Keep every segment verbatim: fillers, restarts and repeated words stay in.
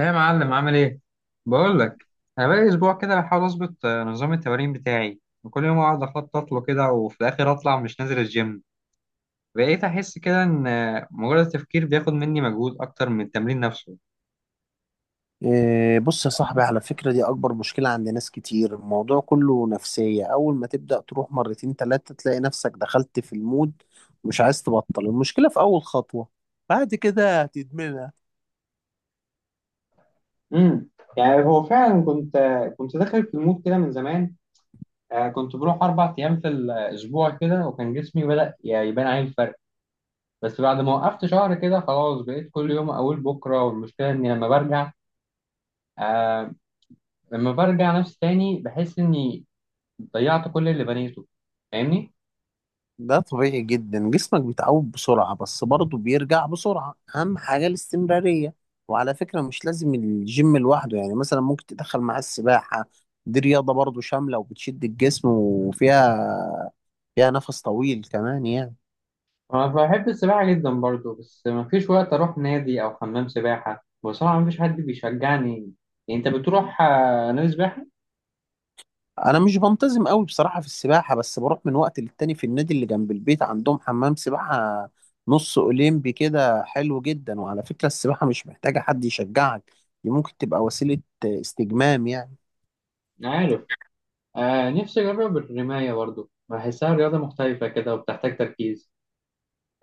ايه يا معلم؟ عامل ايه؟ بقول لك. انا بقالي اسبوع كده بحاول اظبط آه، نظام التمارين بتاعي، وكل يوم اقعد اخطط له كده وفي الاخر اطلع مش نازل الجيم. بقيت احس كده ان آه، مجرد التفكير بياخد مني مجهود اكتر من التمرين نفسه. إيه، بص يا صاحبي، على فكرة دي أكبر مشكلة عند ناس كتير. الموضوع كله نفسية. أول ما تبدأ تروح مرتين تلاتة تلاقي نفسك دخلت في المود، مش عايز تبطل. المشكلة في أول خطوة، بعد كده هتدمنها. امم يعني هو فعلا كنت كنت داخل في المود كده من زمان. آه، كنت بروح اربع ايام في الاسبوع كده، وكان جسمي بدأ يعني يبان عليه الفرق. بس بعد ما وقفت شهر كده خلاص بقيت كل يوم اقول بكره، والمشكله اني لما برجع، آه لما برجع نفسي تاني بحس اني ضيعت كل اللي بنيته. فاهمني؟ ده طبيعي جدا، جسمك بيتعود بسرعة، بس برضه بيرجع بسرعة. أهم حاجة الاستمرارية. وعلى فكرة مش لازم الجيم لوحده، يعني مثلا ممكن تدخل معاه السباحة. دي رياضة برضه شاملة وبتشد الجسم، وفيها فيها نفس طويل كمان يعني. انا بحب السباحه جدا برضو، بس مفيش وقت اروح نادي او حمام سباحه بصراحه، مفيش حد بيشجعني. يعني انت بتروح آه، نادي سباحه؟ انا مش بنتظم قوي بصراحه في السباحه، بس بروح من وقت للتاني في النادي اللي جنب البيت، عندهم حمام سباحه نص اولمبي كده، حلو جدا. وعلى فكره السباحه مش محتاجه حد يشجعك، دي ممكن تبقى وسيله استجمام يعني. عارف. آه نفسي اجرب الرمايه برضو، بحسها رياضه مختلفه كده وبتحتاج تركيز.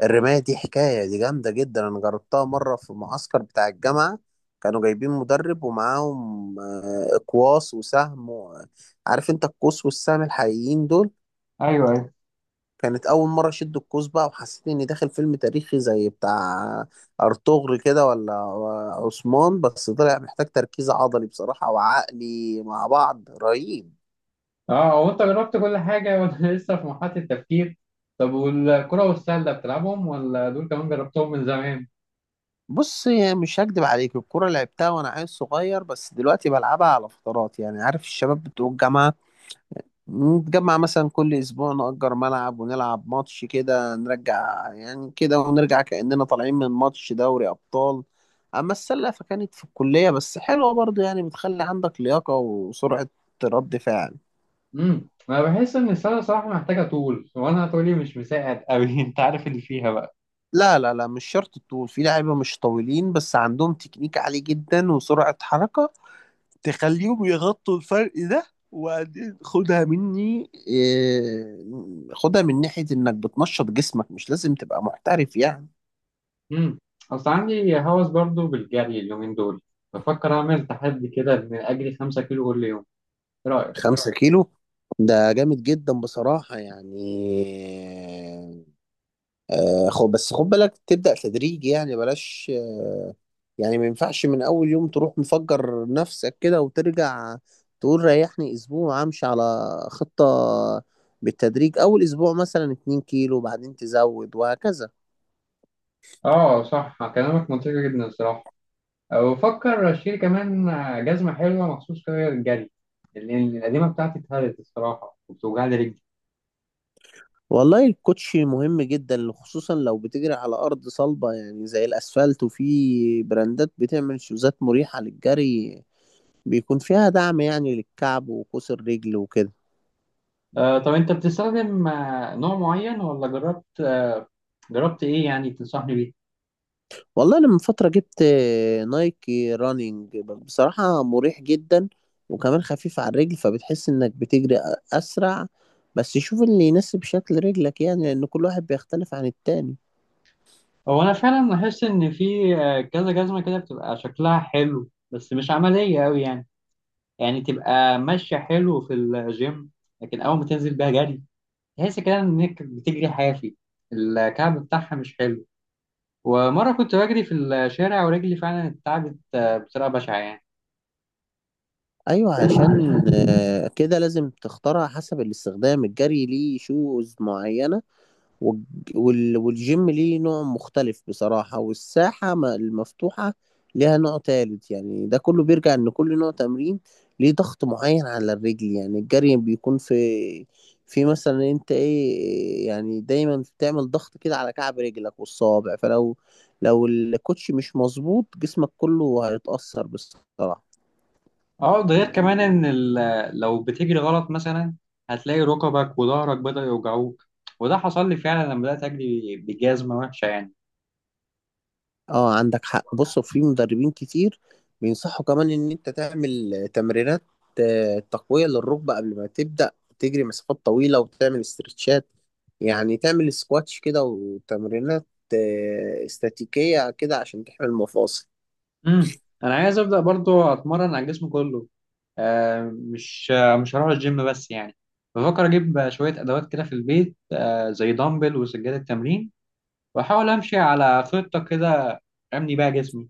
الرمايه دي حكايه، دي جامده جدا. انا جربتها مره في المعسكر بتاع الجامعه، كانوا جايبين مدرب، ومعاهم آه، اقواس وسهم و- عارف انت القوس والسهم الحقيقيين دول. ايوه، ايوه. كانت أول مرة أشد القوس بقى، وحسيت إني داخل فيلم تاريخي زي بتاع أرطغرل كده ولا عثمان. بس طلع محتاج تركيز عضلي بصراحة وعقلي مع بعض رهيب. اه، هو انت جربت كل حاجه وانا لسه في مرحله التفكير. طب والكره والسله بتلعبهم، ولا دول كمان جربتهم من زمان؟ بص، مش هكدب عليك، الكورة لعبتها وأنا عيل صغير، بس دلوقتي بلعبها على فترات. يعني عارف الشباب بتوع الجامعة، نتجمع مثلا كل اسبوع، نأجر ملعب ونلعب ماتش كده، نرجع يعني كده ونرجع كأننا طالعين من ماتش دوري ابطال. اما السلة فكانت في الكلية، بس حلوة برضه يعني، بتخلي عندك لياقة وسرعة رد فعل. امم انا بحس ان السله صراحه محتاجه طول، وانا طولي مش مساعد قوي انت عارف اللي فيها بقى. لا لا لا، مش شرط الطول، في لعيبة مش طويلين بس عندهم تكنيك عالي جدا وسرعة حركة تخليهم يغطوا الفرق ده. وبعدين خدها مني إيه، خدها من ناحية انك بتنشط جسمك، مش لازم تبقى محترف يعني. امم اصل عندي هوس برضو بالجري اليومين دول. بفكر اعمل تحدي كده ان اجري خمسة كيلو كل يوم. ايه رايك؟ خمسة كيلو؟ ده جامد جدا بصراحة يعني. آه، خد، بس خد بالك تبدأ تدريجي يعني، بلاش آه، يعني ما ينفعش من أول يوم تروح مفجر نفسك كده وترجع تقول ريحني أسبوع. أمشي على خطة بالتدريج، أول أسبوع مثلا 2 كيلو، بعدين تزود وهكذا. اه، صح كلامك منطقي جدا الصراحه. وبفكر اشتري كمان آه، جزمه حلوه مخصوص كده للجري. لان القديمه بتاعتي اتهرت الصراحه وبتوجع لي رجلي. والله الكوتش مهم جدا، خصوصا لو بتجري على أرض صلبة يعني زي الأسفلت. وفي براندات بتعمل شوزات مريحة للجري، بيكون فيها دعم يعني للكعب وقوس الرجل وكده. آه طب انت بتستخدم آه، نوع معين ولا جربت آه جربت ايه يعني تنصحني بيه؟ والله انا من فترة جبت آه، نايكي رانينج، بصراحة مريح جدا، وكمان خفيف على الرجل، فبتحس انك بتجري أ- اسرع. بس شوف اللي يناسب شكل رجلك يعني، لان كل واحد بيختلف عن التاني. هو انا فعلا لاحظت ان في آه، كذا جزمه كده بتبقى شكلها حلو، بس مش عمليه قوي يعني. يعني تبقى ماشية حلو في الجيم، لكن أول ما تنزل بيها جري تحس كده إنك بتجري حافي. الكعب بتاعها مش حلو. ومرة كنت بجري في الشارع ورجلي فعلا اتعبت آه، بطريقة بشعة يعني. ايوه، عشان آه، كده لازم تختارها حسب الاستخدام. الجري ليه شوز معينة، والج- وال- والجيم ليه نوع مختلف بصراحة، والساحة م- المفتوحة ليها نوع تالت يعني. ده كله بيرجع إن كل نوع تمرين ليه ضغط معين على الرجل. يعني الجري بيكون في في مثلا انت ايه يعني، دايما بتعمل ضغط كده على كعب رجلك والصوابع. فلو لو الكوتش مش مظبوط، جسمك كله هيتأثر بصراحة. اه، ده غير كمان إن ال- لو بتجري غلط مثلا هتلاقي ركبك وظهرك بدأ يوجعوك. وده حصل لي فعلا لما بدأت أجري بجزمة وحشة يعني. اه، عندك حق. بص، في مدربين كتير بينصحوا كمان ان انت تعمل تمرينات آه، تقوية للركبة قبل ما تبدأ تجري مسافات طويلة، وتعمل استرتشات يعني، تعمل سكواتش كده وتمرينات آه، استاتيكية كده عشان تحمي المفاصل. امم أنا عايز أبدأ برضو أتمرن على الجسم كله. آه، مش آه، مش هروح الجيم بس يعني. بفكر اجيب آه، شويه ادوات كده في البيت، آه، زي دمبل وسجاده تمرين. واحاول امشي على خطه كده ابني بيها جسمي.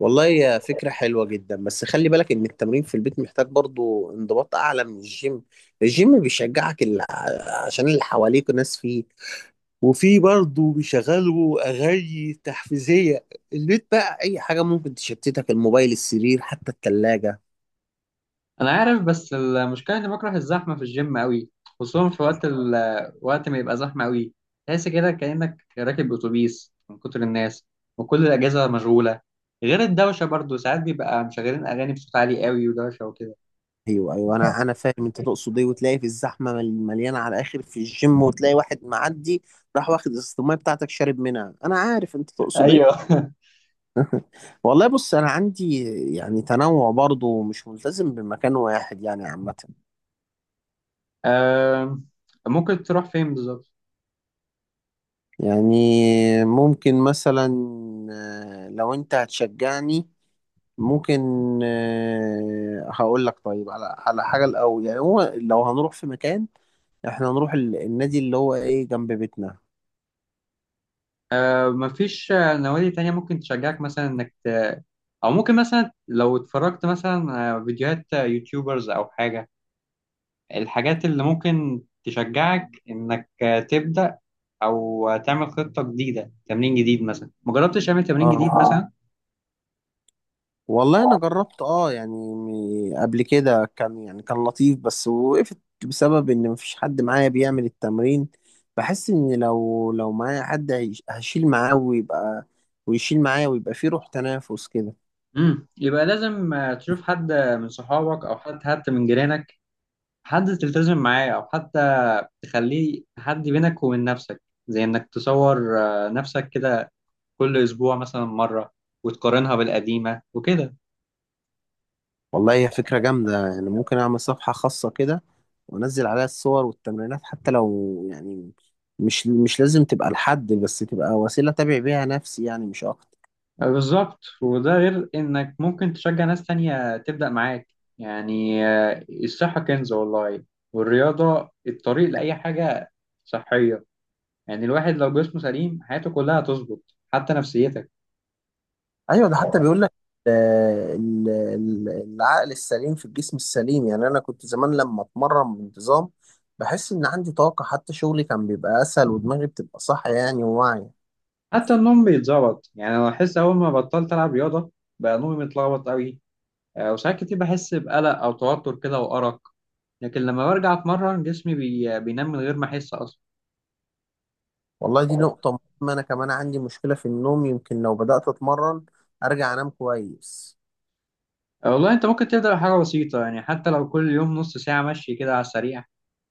والله يا فكرة حلوة جدا، بس خلي بالك ان التمرين في البيت محتاج برضو انضباط اعلى من الجيم. الجيم بيشجعك ال- عشان اللي حواليك ناس، فيه، وفي برضه بيشغلوا اغاني تحفيزيه. البيت بقى اي حاجه ممكن تشتتك، الموبايل، السرير، حتى الثلاجه. انا عارف، بس المشكله اني بكره الزحمه في الجيم قوي. خصوصا في وقت ال... آه، وقت ما يبقى زحمه قوي. تحس كده كانك راكب اتوبيس من كتر الناس. وكل الاجهزه مشغوله. غير الدوشه برضو ساعات بيبقى مشغلين اغاني بصوت عالي قوي ودوشه وكده. ايوه ايوه، انا انا فاهم انت تقصد ايه. وتلاقي في الزحمه مل- مليانه على الاخر في الجيم، وتلاقي واحد معدي راح واخد ازازه الميه بتاعتك شارب منها. انا عارف انت تقصد ايه. ايوه. والله بص، انا عندي يعني تنوع برضه، مش ملتزم بمكان واحد يعني عامه. آم، ممكن تروح فين بالظبط؟ يعني ممكن مثلا، آه، لو انت هتشجعني ممكن، آه، هقول لك طيب، على على حاجة الأول يعني. هو لو هنروح في مكان، احنا هنروح ال- النادي اللي هو ايه جنب بيتنا. آه مفيش آه، نوادي تانية، ممكن تشجعك مثلا إنك ت... أو ممكن مثلا لو اتفرجت مثلا آه، فيديوهات، آه، يوتيوبرز أو حاجة. الحاجات اللي ممكن تشجعك إنك آه، تبدأ. أو آه، تعمل خطة جديدة، تمرين جديد مثلا، مجربتش تعمل تمرين جديد اه، مثلا؟ والله انا جربت اه يعني م- قبل كده، كان يعني كان لطيف، بس وقفت بسبب ان مفيش حد معايا بيعمل التمرين. بحس ان لو لو معايا حد هيش- هشيل معاه ويبقى، ويشيل معايا ويبقى فيه روح تنافس كده. مم. يبقى لازم آه، تشوف حد، آه، من صحابك أو حد حتى من جيرانك. حد تلتزم معاه، أو حتى تخليه حد بينك وبين نفسك. زي إنك تصور آه، نفسك كده كل اسبوع مثلا مره، وتقارنها بالقديمه وكده. والله هي فكرة جامدة يعني، ممكن أعمل صفحة خاصة كده وأنزل عليها الصور والتمرينات، حتى لو يعني مش مش لازم تبقى لحد، بس تبقى وسيلة أتابع بيها نفسي يعني مش أكتر. بالظبط، وده غير انك ممكن تشجع ناس تانية تبدأ معاك. يعني آه، الصحة كنز والله. والرياضة الطريق لأي حاجة صحية. يعني الواحد لو جسمه سليم حياته كلها هتظبط، حتى نفسيتك. أيوة، ده حتى بيقول لك آه، ال- ال- العقل السليم في الجسم السليم يعني. أنا كنت زمان لما أتمرن بانتظام بحس إن عندي طاقة، حتى شغلي كان بيبقى أسهل، ودماغي بتبقى صح يعني وواعية. حتى النوم بيتظبط يعني، انا بحس اول ما بطلت العب رياضة بقى نومي متلخبط قوي. آه، وساعات كتير بحس بقلق او توتر كده وارق. لكن لما برجع اتمرن جسمي بي... بينام من غير ما احس اصلا. والله دي نقطة مهمة، أنا كمان عندي مشكلة في النوم، يمكن لو بدأت أتمرن أرجع أنام كويس. آه، والله انت ممكن تبدأ بحاجة بسيطة يعني، حتى لو كل يوم نص ساعة مشي كده على السريع.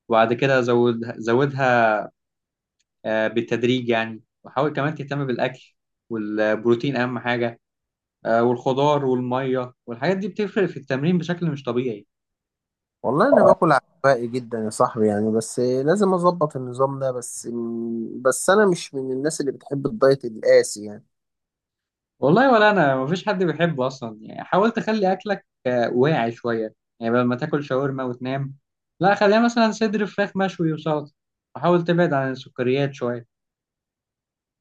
وبعد كده زودها زودها، آه، بالتدريج يعني. وحاول كمان تهتم بالأكل، والبروتين أهم حاجة. آه، والخضار والمية والحاجات دي بتفرق في التمرين بشكل مش طبيعي. والله انا باكل عشوائي جدا يا صاحبي يعني، بس لازم اظبط النظام ده. بس بس انا مش من الناس اللي بتحب الدايت القاسي يعني. والله، ولا أنا مفيش حد بيحبه أصلا يعني، حاول تخلي أكلك آه، واعي شوية يعني بدل ما تاكل شاورما وتنام. لا، خليها مثلا صدر فراخ مشوي وسلطة. وحاول تبعد عن السكريات شوية.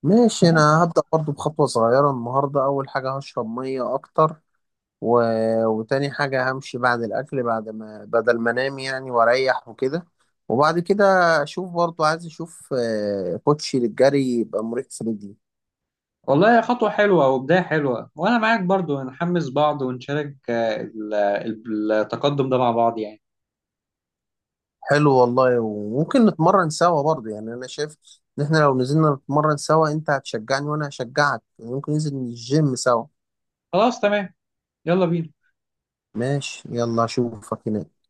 ماشي، انا هبدأ برضو بخطوة صغيرة النهاردة. اول حاجة، هشرب مية اكتر. و... وتاني حاجة، همشي بعد الاكل، بعد ما بدل ما انام يعني واريح وكده. وبعد كده اشوف برضو، عايز اشوف آه، كوتشي للجري يبقى مريح في رجلي. والله، خطوة حلوة وبداية حلوة، وأنا معاك برضو نحمس بعض ونشارك آه، ال- ال- التقدم ده مع بعض يعني. حلو والله، وممكن نتمرن سوا برضه يعني. انا شايف ان احنا لو نزلنا نتمرن سوا، انت هتشجعني وانا هشجعك، ممكن ننزل الجيم سوا. خلاص تمام. يلا بينا. ماشي يلا اشوفك هناك.